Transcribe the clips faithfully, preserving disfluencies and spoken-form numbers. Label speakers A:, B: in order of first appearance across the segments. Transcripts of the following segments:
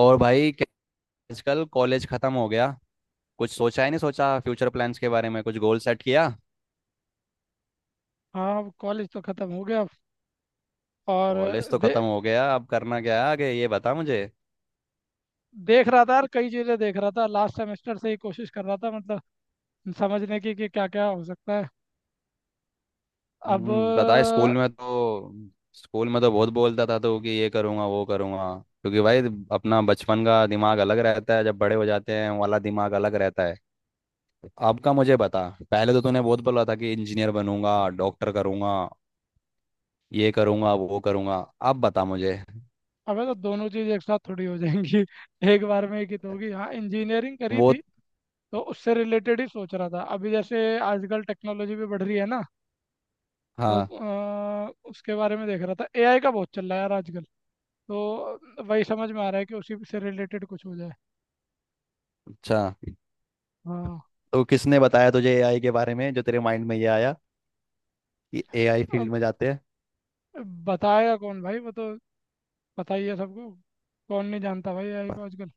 A: और भाई क्या- आजकल कॉलेज खत्म हो गया। कुछ सोचा ही नहीं, सोचा फ्यूचर प्लान्स के बारे में, कुछ गोल सेट किया।
B: हाँ। अब कॉलेज तो खत्म हो गया और
A: कॉलेज तो
B: दे
A: खत्म हो गया, अब करना क्या है आगे, ये बता मुझे।
B: देख रहा था यार, कई चीज़ें देख रहा था लास्ट सेमेस्टर से ही, कोशिश कर रहा था मतलब समझने की कि क्या क्या हो सकता है। अब
A: हम्म, बता, स्कूल में तो स्कूल में तो बहुत बोलता था तो, कि ये करूँगा वो करूँगा। क्योंकि भाई अपना बचपन का दिमाग अलग रहता है, जब बड़े हो जाते हैं वाला दिमाग अलग रहता है। अब का मुझे बता, पहले तो तूने बहुत बोला था कि इंजीनियर बनूंगा, डॉक्टर करूंगा, ये करूंगा वो करूंगा। अब बता मुझे।
B: अबे तो दोनों चीज़ एक साथ थोड़ी हो जाएंगी। एक बार में एक ही तो होगी। हाँ, इंजीनियरिंग करी
A: वो।
B: थी तो उससे रिलेटेड ही सोच रहा था। अभी जैसे आजकल टेक्नोलॉजी भी बढ़ रही है ना, तो
A: हाँ।
B: अ, उसके बारे में देख रहा था। ए आई का बहुत चल रहा है यार आजकल, तो वही समझ में आ रहा है कि उसी से रिलेटेड कुछ हो जाए।
A: अच्छा।
B: हाँ।
A: तो किसने बताया तुझे एआई के बारे में, जो तेरे माइंड में ये आया कि एआई
B: अब
A: फील्ड में जाते हैं।
B: बताएगा कौन भाई, वो तो पता ही है सबको। कौन नहीं जानता भाई ए आई
A: पर
B: को आजकल।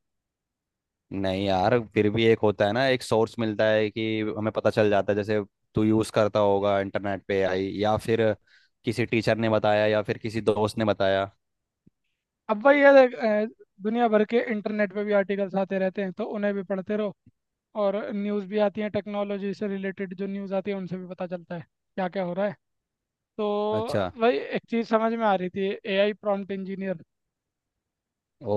A: नहीं यार, फिर भी एक होता है ना, एक सोर्स मिलता है कि हमें पता चल जाता है, जैसे तू यूज करता होगा इंटरनेट पे एआई, या फिर किसी टीचर ने बताया, या फिर किसी दोस्त ने बताया।
B: अब वही है देख, अ, दुनिया भर के इंटरनेट पे भी आर्टिकल्स आते रहते हैं तो उन्हें भी पढ़ते रहो, और न्यूज़ भी आती है, टेक्नोलॉजी से रिलेटेड जो न्यूज़ आती है उनसे भी पता चलता है क्या क्या हो रहा है। तो
A: अच्छा।
B: वही एक चीज़ समझ में आ रही थी, ए आई प्रॉम्प्ट इंजीनियर।
A: ओ।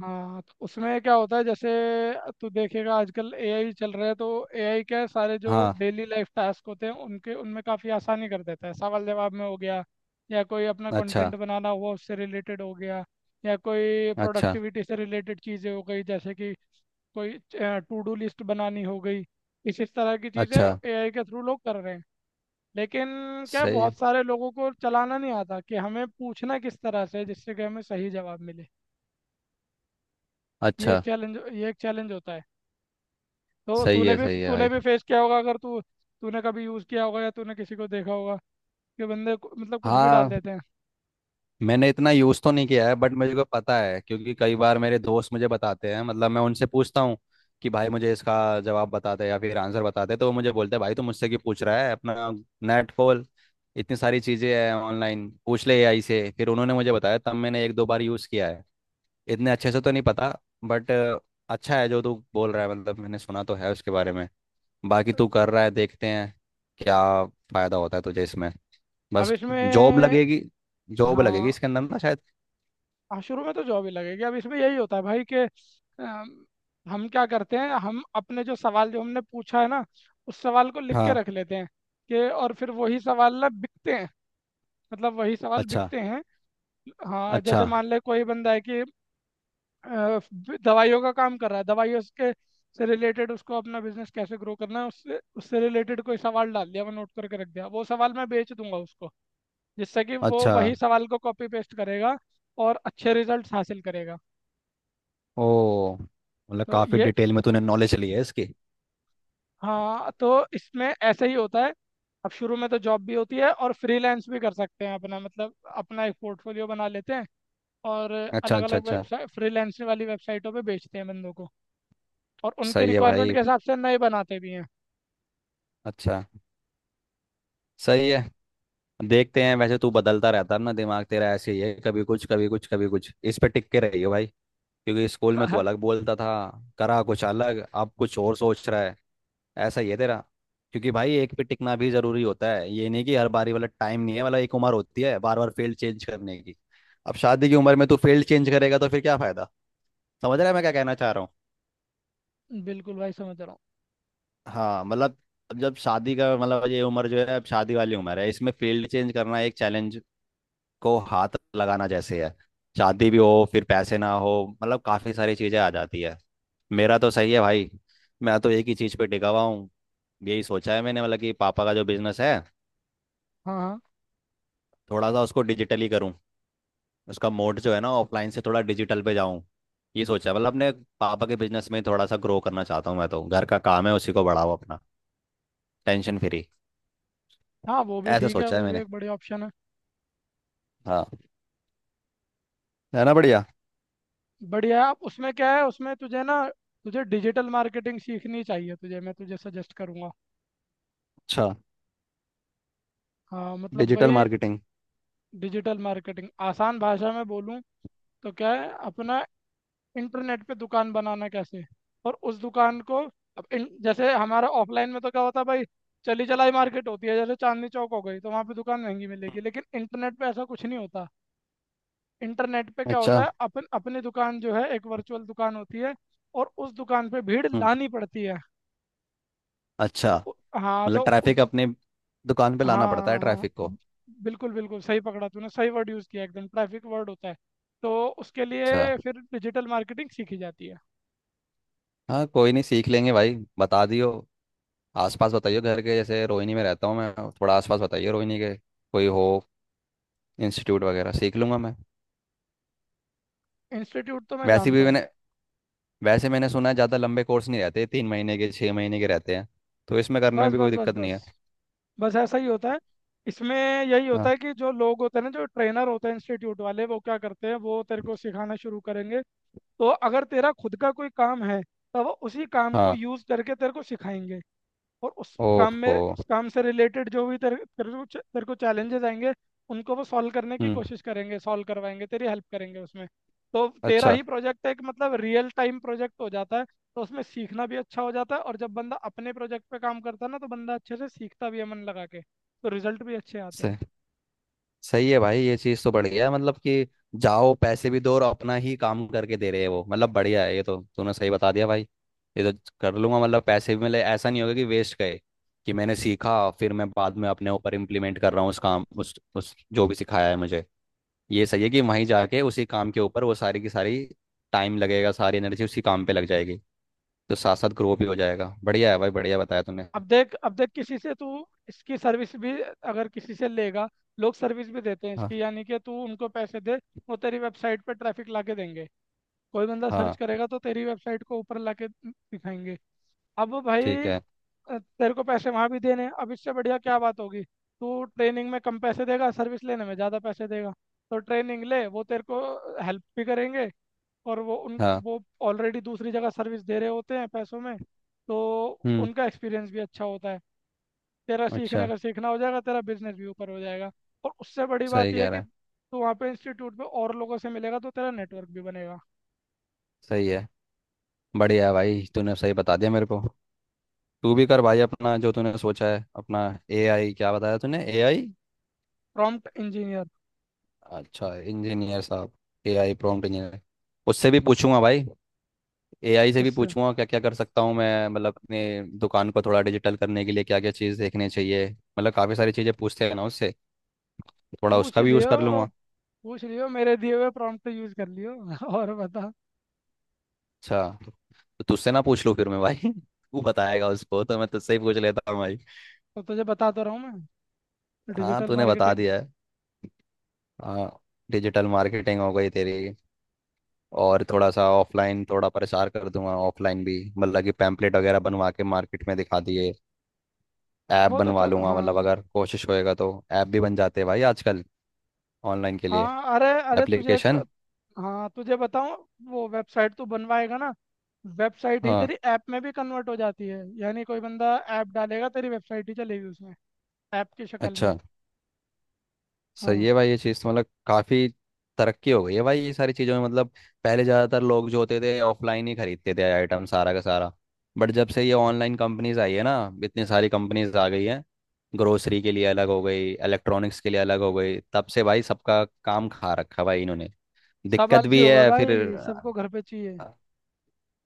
B: हाँ, तो उसमें क्या होता है, जैसे तू देखेगा आजकल ए आई चल रहा है, तो ए आई क्या है, सारे जो
A: हाँ।
B: डेली लाइफ टास्क होते हैं उनके, उनमें काफ़ी आसानी कर देता है। सवाल जवाब में हो गया, या कोई अपना
A: अच्छा।
B: कंटेंट बनाना हुआ उससे रिलेटेड हो गया, या कोई
A: अच्छा।
B: प्रोडक्टिविटी से रिलेटेड चीज़ें हो गई, जैसे कि कोई टू डू लिस्ट बनानी हो गई, इस इस तरह की चीज़ें
A: अच्छा।
B: ए आई के थ्रू लोग कर रहे हैं। लेकिन क्या है,
A: सही।
B: बहुत सारे लोगों को चलाना नहीं आता कि हमें पूछना किस तरह से है, जिससे कि हमें सही जवाब मिले। ये एक
A: अच्छा।
B: चैलेंज ये एक चैलेंज होता है। तो
A: सही
B: तूने
A: है।
B: भी
A: सही है
B: तूने
A: भाई।
B: भी फेस किया होगा, अगर तू, तूने कभी यूज़ किया होगा या तूने किसी को देखा होगा कि बंदे को- मतलब कुछ भी डाल
A: हाँ।
B: देते हैं।
A: मैंने इतना यूज़ तो नहीं किया है, बट मुझे को पता है, क्योंकि कई बार मेरे दोस्त मुझे बताते हैं, मतलब मैं उनसे पूछता हूँ कि भाई मुझे इसका जवाब बताते या फिर आंसर बताते, तो वो मुझे बोलते हैं भाई तू मुझसे क्यों पूछ रहा है, अपना नेट खोल, इतनी सारी चीज़ें हैं ऑनलाइन, पूछ ले एआई से। फिर उन्होंने मुझे बताया, तब मैंने एक दो बार यूज़ किया है। इतने अच्छे से तो नहीं पता, बट अच्छा है जो तू बोल रहा है, मतलब मैंने सुना तो है उसके बारे में। बाकी तू कर रहा है, देखते हैं क्या फ़ायदा होता है तुझे इसमें।
B: अब
A: बस जॉब
B: इसमें।
A: लगेगी। जॉब लगेगी
B: हाँ।
A: इसके अंदर ना शायद।
B: हाँ, शुरू में तो जॉब ही लगेगी। अब इसमें यही होता है भाई कि, अम, हम क्या करते हैं, हम अपने जो सवाल जो हमने पूछा है ना, उस सवाल को लिख के
A: हाँ।
B: रख लेते हैं। कि और फिर वही सवाल ना बिकते हैं, मतलब वही सवाल
A: अच्छा।
B: बिकते हैं। हाँ,
A: अच्छा।
B: जैसे मान ले कोई बंदा है कि, अ, दवाइयों का काम कर रहा है, दवाइयों के से रिलेटेड उसको, अपना बिजनेस कैसे ग्रो करना है, उससे उससे रिलेटेड कोई सवाल डाल दिया, मैं नोट करके रख दिया, वो सवाल मैं बेच दूंगा उसको, जिससे कि वो
A: अच्छा।
B: वही सवाल को कॉपी पेस्ट करेगा और अच्छे रिजल्ट्स हासिल करेगा।
A: ओ मतलब
B: तो
A: काफी
B: ये,
A: डिटेल में तूने नॉलेज ली है इसकी।
B: हाँ तो इसमें ऐसे ही होता है। अब शुरू में तो जॉब भी होती है, और फ्रीलांस भी कर सकते हैं अपना, मतलब अपना एक पोर्टफोलियो बना लेते हैं, और
A: अच्छा।
B: अलग
A: अच्छा।
B: अलग
A: अच्छा।
B: वेबसाइट, फ्रीलांसिंग वाली वेबसाइटों पे बेचते हैं बंदों को, और उनकी
A: सही है
B: रिक्वायरमेंट
A: भाई।
B: के हिसाब से नए बनाते भी हैं।
A: अच्छा। सही है। देखते हैं, वैसे तू बदलता रहता है ना, दिमाग तेरा ऐसे ही है, कभी कुछ कभी कुछ कभी कुछ, इस पे टिक के रहियो भाई। क्योंकि स्कूल में तू अलग बोलता था, करा कुछ अलग, अब कुछ और सोच रहा है। ऐसा ही है तेरा। क्योंकि भाई एक पे टिकना भी जरूरी होता है, ये नहीं कि हर बारी वाला, टाइम नहीं है वाला, एक उम्र होती है बार बार फील्ड चेंज करने की। अब शादी की उम्र में तू फील्ड चेंज करेगा तो फिर क्या फायदा। समझ रहे हैं मैं क्या कहना चाह रहा हूँ।
B: बिल्कुल भाई, समझ रहा हूँ।
A: हाँ मतलब अब जब शादी का, मतलब ये उम्र जो है, अब शादी वाली उम्र है, इसमें फील्ड चेंज करना एक चैलेंज को हाथ लगाना जैसे है। शादी भी हो फिर पैसे ना हो, मतलब काफ़ी सारी चीज़ें आ जाती है। मेरा तो सही है भाई, मैं तो एक ही चीज़ पे टिका हुआ हूँ। यही सोचा है मैंने, मतलब कि पापा का जो बिजनेस है,
B: हाँ, हाँ,
A: थोड़ा सा उसको डिजिटली करूँ, उसका मोड जो है ना ऑफलाइन से थोड़ा डिजिटल पे जाऊँ। ये सोचा है, मतलब अपने पापा के बिजनेस में थोड़ा सा ग्रो करना चाहता हूँ मैं तो, घर का काम है उसी को बढ़ाओ अपना, टेंशन फ्री।
B: हाँ। वो भी
A: ऐसा
B: ठीक है,
A: सोचा है
B: वो भी
A: मैंने।
B: एक बढ़िया ऑप्शन है।
A: हाँ, है ना बढ़िया।
B: बढ़िया है। आप उसमें क्या है, उसमें तुझे ना, तुझे डिजिटल मार्केटिंग सीखनी चाहिए, तुझे मैं तुझे सजेस्ट करूँगा।
A: अच्छा।
B: हाँ मतलब
A: डिजिटल
B: वही।
A: मार्केटिंग।
B: डिजिटल मार्केटिंग आसान भाषा में बोलूँ तो क्या है, अपना इंटरनेट पे दुकान बनाना कैसे, और उस दुकान को, अब इन, जैसे हमारा ऑफलाइन में तो क्या होता है भाई, चली चलाई मार्केट होती है, जैसे चांदनी चौक हो गई, तो वहाँ पे दुकान महंगी मिलेगी, लेकिन इंटरनेट पे ऐसा कुछ नहीं होता। इंटरनेट पे क्या होता
A: अच्छा।
B: है, अपन अपनी दुकान जो है, एक वर्चुअल दुकान होती है, और उस दुकान पे भीड़
A: हम्म।
B: लानी पड़ती है।
A: अच्छा।
B: तो उ- हाँ
A: मतलब
B: तो उस,
A: ट्रैफिक अपने दुकान पे लाना पड़ता है,
B: हाँ हाँ,
A: ट्रैफिक को।
B: बिल्कुल बिल्कुल सही पकड़ा तूने, सही वर्ड यूज़ किया एकदम, ट्रैफिक वर्ड होता है। तो उसके
A: अच्छा।
B: लिए फिर डिजिटल मार्केटिंग सीखी जाती है।
A: हाँ कोई नहीं, सीख लेंगे भाई, बता दियो आसपास, बताइए घर के, जैसे रोहिणी में रहता हूँ मैं, थोड़ा आसपास बताइए रोहिणी के कोई हो, इंस्टीट्यूट वगैरह, सीख लूंगा मैं।
B: इंस्टीट्यूट तो मैं
A: वैसे भी
B: जानता हूँ।
A: मैंने वैसे मैंने सुना है ज़्यादा लंबे कोर्स नहीं रहते, तीन महीने के छः महीने के रहते हैं, तो इसमें करने में
B: बस
A: भी
B: बस
A: कोई
B: बस
A: दिक्कत नहीं
B: बस,
A: है।
B: बस ऐसा ही होता है इसमें। यही होता
A: हाँ।
B: है कि जो लोग होते हैं ना, जो ट्रेनर होते हैं इंस्टीट्यूट वाले, वो क्या करते हैं, वो तेरे को सिखाना शुरू करेंगे। तो अगर तेरा खुद का कोई काम है, तो वो उसी काम को
A: हाँ।
B: यूज करके तेरे को सिखाएंगे। और उस काम में,
A: ओहो।
B: उस काम से रिलेटेड जो भी तेरे तेरे को च- तेरे को चैलेंजेस आएंगे, उनको वो सॉल्व करने की
A: हम्म।
B: कोशिश करेंगे, सॉल्व करवाएंगे, तेरी हेल्प करेंगे उसमें। तो तेरा
A: अच्छा।
B: ही प्रोजेक्ट एक, मतलब रियल टाइम प्रोजेक्ट हो जाता है। तो उसमें सीखना भी अच्छा हो जाता है, और जब बंदा अपने प्रोजेक्ट पे काम करता है ना, तो बंदा अच्छे से सीखता भी है मन लगा के, तो रिजल्ट भी अच्छे आते हैं।
A: सही है भाई, ये चीज़ तो बढ़िया है, मतलब कि जाओ पैसे भी दो, और अपना ही काम करके दे रहे हैं वो, मतलब बढ़िया है, ये तो तूने सही बता दिया भाई। ये तो कर लूंगा, मतलब पैसे भी मिले, ऐसा नहीं होगा कि वेस्ट गए, कि मैंने सीखा, फिर मैं बाद में अपने ऊपर इम्प्लीमेंट कर रहा हूँ उस काम उस उस जो भी सिखाया है मुझे। ये सही है कि वहीं जाके उसी काम के ऊपर वो सारी की सारी, टाइम लगेगा, सारी एनर्जी उसी काम पे लग जाएगी, तो साथ साथ ग्रो भी हो जाएगा। बढ़िया है भाई, बढ़िया बताया तूने।
B: अब देख, अब देख, किसी से तू इसकी सर्विस भी अगर किसी से लेगा, लोग सर्विस भी देते हैं
A: हाँ।
B: इसकी, यानी कि तू उनको पैसे दे, वो तेरी वेबसाइट पे ट्रैफिक ला के देंगे। कोई बंदा सर्च
A: हाँ।
B: करेगा तो तेरी वेबसाइट को ऊपर ला के दिखाएंगे। अब
A: ठीक
B: भाई,
A: है।
B: अ, तेरे को पैसे वहाँ भी देने हैं। अब इससे बढ़िया क्या बात होगी, तू ट्रेनिंग में कम पैसे देगा, सर्विस लेने में ज़्यादा पैसे देगा। तो ट्रेनिंग ले, वो तेरे को हेल्प भी करेंगे, और वो उन
A: हाँ।
B: वो ऑलरेडी दूसरी जगह सर्विस दे रहे होते हैं पैसों में, तो
A: हम्म।
B: उनका एक्सपीरियंस भी अच्छा होता है। तेरा सीखने
A: अच्छा।
B: का सीखना हो जाएगा, तेरा बिजनेस भी ऊपर हो जाएगा। और उससे बड़ी बात
A: सही
B: यह है
A: कह
B: कि
A: रहा है।
B: तू वहाँ पे इंस्टीट्यूट पे और लोगों से मिलेगा, तो तेरा नेटवर्क भी बनेगा।
A: सही है। बढ़िया भाई, तूने सही बता दिया मेरे को। तू भी कर भाई, अपना जो तूने सोचा है अपना। एआई क्या बताया तूने, एआई?
B: Prompt engineer.
A: अच्छा, इंजीनियर साहब, एआई प्रॉम्प्ट इंजीनियर। उससे भी पूछूंगा भाई, एआई से भी
B: इससे
A: पूछूंगा क्या क्या कर सकता हूँ मैं, मतलब अपने दुकान को थोड़ा डिजिटल करने के लिए क्या क्या चीज़ देखने चाहिए, मतलब काफ़ी सारी चीज़ें पूछते हैं ना उससे। थोड़ा
B: पूछ
A: उसका भी यूज़
B: लियो,
A: कर लूंगा।
B: पूछ लियो मेरे दिए हुए प्रॉम्प्ट यूज कर लियो। और बता।
A: अच्छा। तो तुझसे ना पूछ लूँ फिर मैं भाई तू बताएगा उसको, तो मैं तुझसे ही पूछ लेता हूँ भाई।
B: तो तुझे बता तो रहा हूँ मैं,
A: हाँ
B: डिजिटल
A: तूने बता
B: मार्केटिंग।
A: दिया है। हाँ। डिजिटल मार्केटिंग हो गई तेरी, और थोड़ा सा ऑफलाइन थोड़ा प्रसार कर दूंगा ऑफलाइन भी, मतलब कि पैम्पलेट वगैरह बनवा के मार्केट में दिखा दिए। ऐप
B: वो तो
A: बनवा
B: चल,
A: लूंगा, मतलब
B: हाँ।
A: अगर कोशिश होएगा तो ऐप भी बन जाते हैं भाई आजकल, ऑनलाइन के लिए,
B: हाँ अरे अरे, तुझे एक,
A: एप्लीकेशन।
B: हाँ तुझे बताऊँ, वो वेबसाइट तू बनवाएगा ना, वेबसाइट ही
A: हाँ।
B: तेरी ऐप में भी कन्वर्ट हो जाती है, यानी कोई बंदा ऐप डालेगा तेरी वेबसाइट ही चलेगी उसमें, ऐप की शक्ल में।
A: अच्छा।
B: हाँ।
A: सही है भाई, ये चीज़ तो मतलब काफ़ी तरक्की हो गई है भाई ये सारी चीज़ों में, मतलब पहले ज़्यादातर लोग जो होते थे ऑफलाइन ही खरीदते थे आइटम सारा का सारा, बट जब से ये ऑनलाइन कंपनीज आई है ना, इतनी सारी कंपनीज आ गई हैं, ग्रोसरी के लिए अलग हो गई, इलेक्ट्रॉनिक्स के लिए अलग हो गई, तब से भाई सबका काम खा रखा भाई इन्होंने,
B: सब
A: दिक्कत
B: आलसी
A: भी
B: हो गए
A: है फिर।
B: भाई, सबको घर पे चाहिए।
A: अ,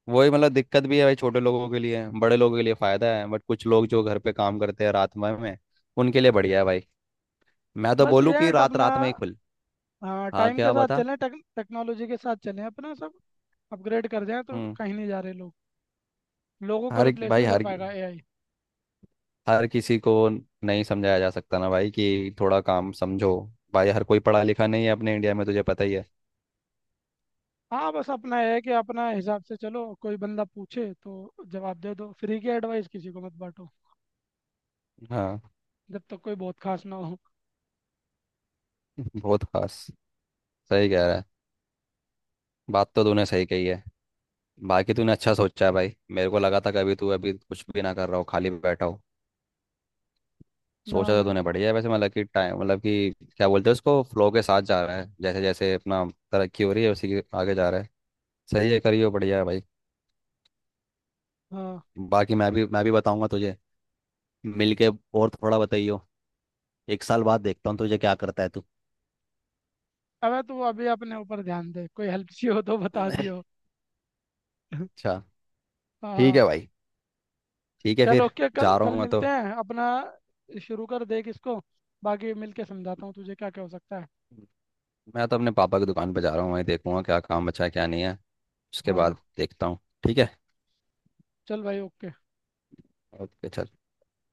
A: वही मतलब, दिक्कत भी है भाई छोटे लोगों के लिए, बड़े लोगों के लिए फ़ायदा है, बट कुछ लोग जो घर पे काम करते हैं रात भर में, उनके लिए बढ़िया है भाई। मैं तो
B: बस
A: बोलूँ
B: ये
A: कि
B: है
A: रात
B: अपना,
A: रात में ही खुल।
B: हाँ,
A: हाँ
B: टाइम के
A: क्या
B: साथ
A: बता।
B: चलें, टेक, टेक्नोलॉजी के साथ चलें, अपना सब अपग्रेड कर जाएं, तो
A: हम्म।
B: कहीं नहीं जा रहे लोग। लोगों को
A: हर
B: रिप्लेस
A: भाई
B: नहीं कर
A: हर
B: पाएगा ए आई।
A: हर किसी को नहीं समझाया जा सकता ना भाई, कि थोड़ा काम समझो, भाई हर कोई पढ़ा लिखा नहीं है अपने इंडिया में, तुझे पता ही है।
B: हाँ, बस अपना ये है कि अपना हिसाब से चलो, कोई बंदा पूछे तो जवाब दे दो, फ्री की एडवाइस किसी को मत बांटो
A: हाँ।
B: जब तक कोई बहुत खास ना हो।
A: बहुत खास। सही कह रहा है। बात तो तूने सही कही है। बाकी तूने अच्छा सोचा है भाई, मेरे को लगा था कि अभी तू अभी कुछ भी ना कर रहा हो, खाली बैठा हो।
B: ना
A: सोचा तो
B: ना।
A: तूने बढ़िया है, वैसे मतलब कि टाइम, मतलब कि क्या बोलते हैं उसको, फ्लो के साथ जा रहा है, जैसे जैसे अपना तरक्की हो रही है उसी के आगे जा रहा है। सही है, करियो, बढ़िया है भाई।
B: हाँ।
A: बाकी मैं भी मैं भी बताऊंगा तुझे, मिल के, और थोड़ा बताइयो, एक साल बाद देखता हूँ तुझे क्या करता है तू।
B: अबे तू अभी अपने ऊपर ध्यान दे, कोई हेल्प चाहिए हो तो बता दियो।
A: अच्छा। ठीक
B: हाँ।
A: है भाई। ठीक है
B: चल
A: फिर।
B: ओके, कल
A: जा रहा
B: कल
A: हूँ मैं
B: मिलते
A: तो,
B: हैं अपना। शुरू कर देख इसको, बाकी मिलके समझाता हूँ तुझे क्या क्या हो सकता है।
A: मैं तो अपने पापा की दुकान पर जा रहा हूँ, वहीं देखूंगा क्या काम बचा है क्या नहीं है, उसके
B: हाँ
A: बाद देखता हूँ। ठीक है।
B: चल भाई ओके।
A: ओके चल।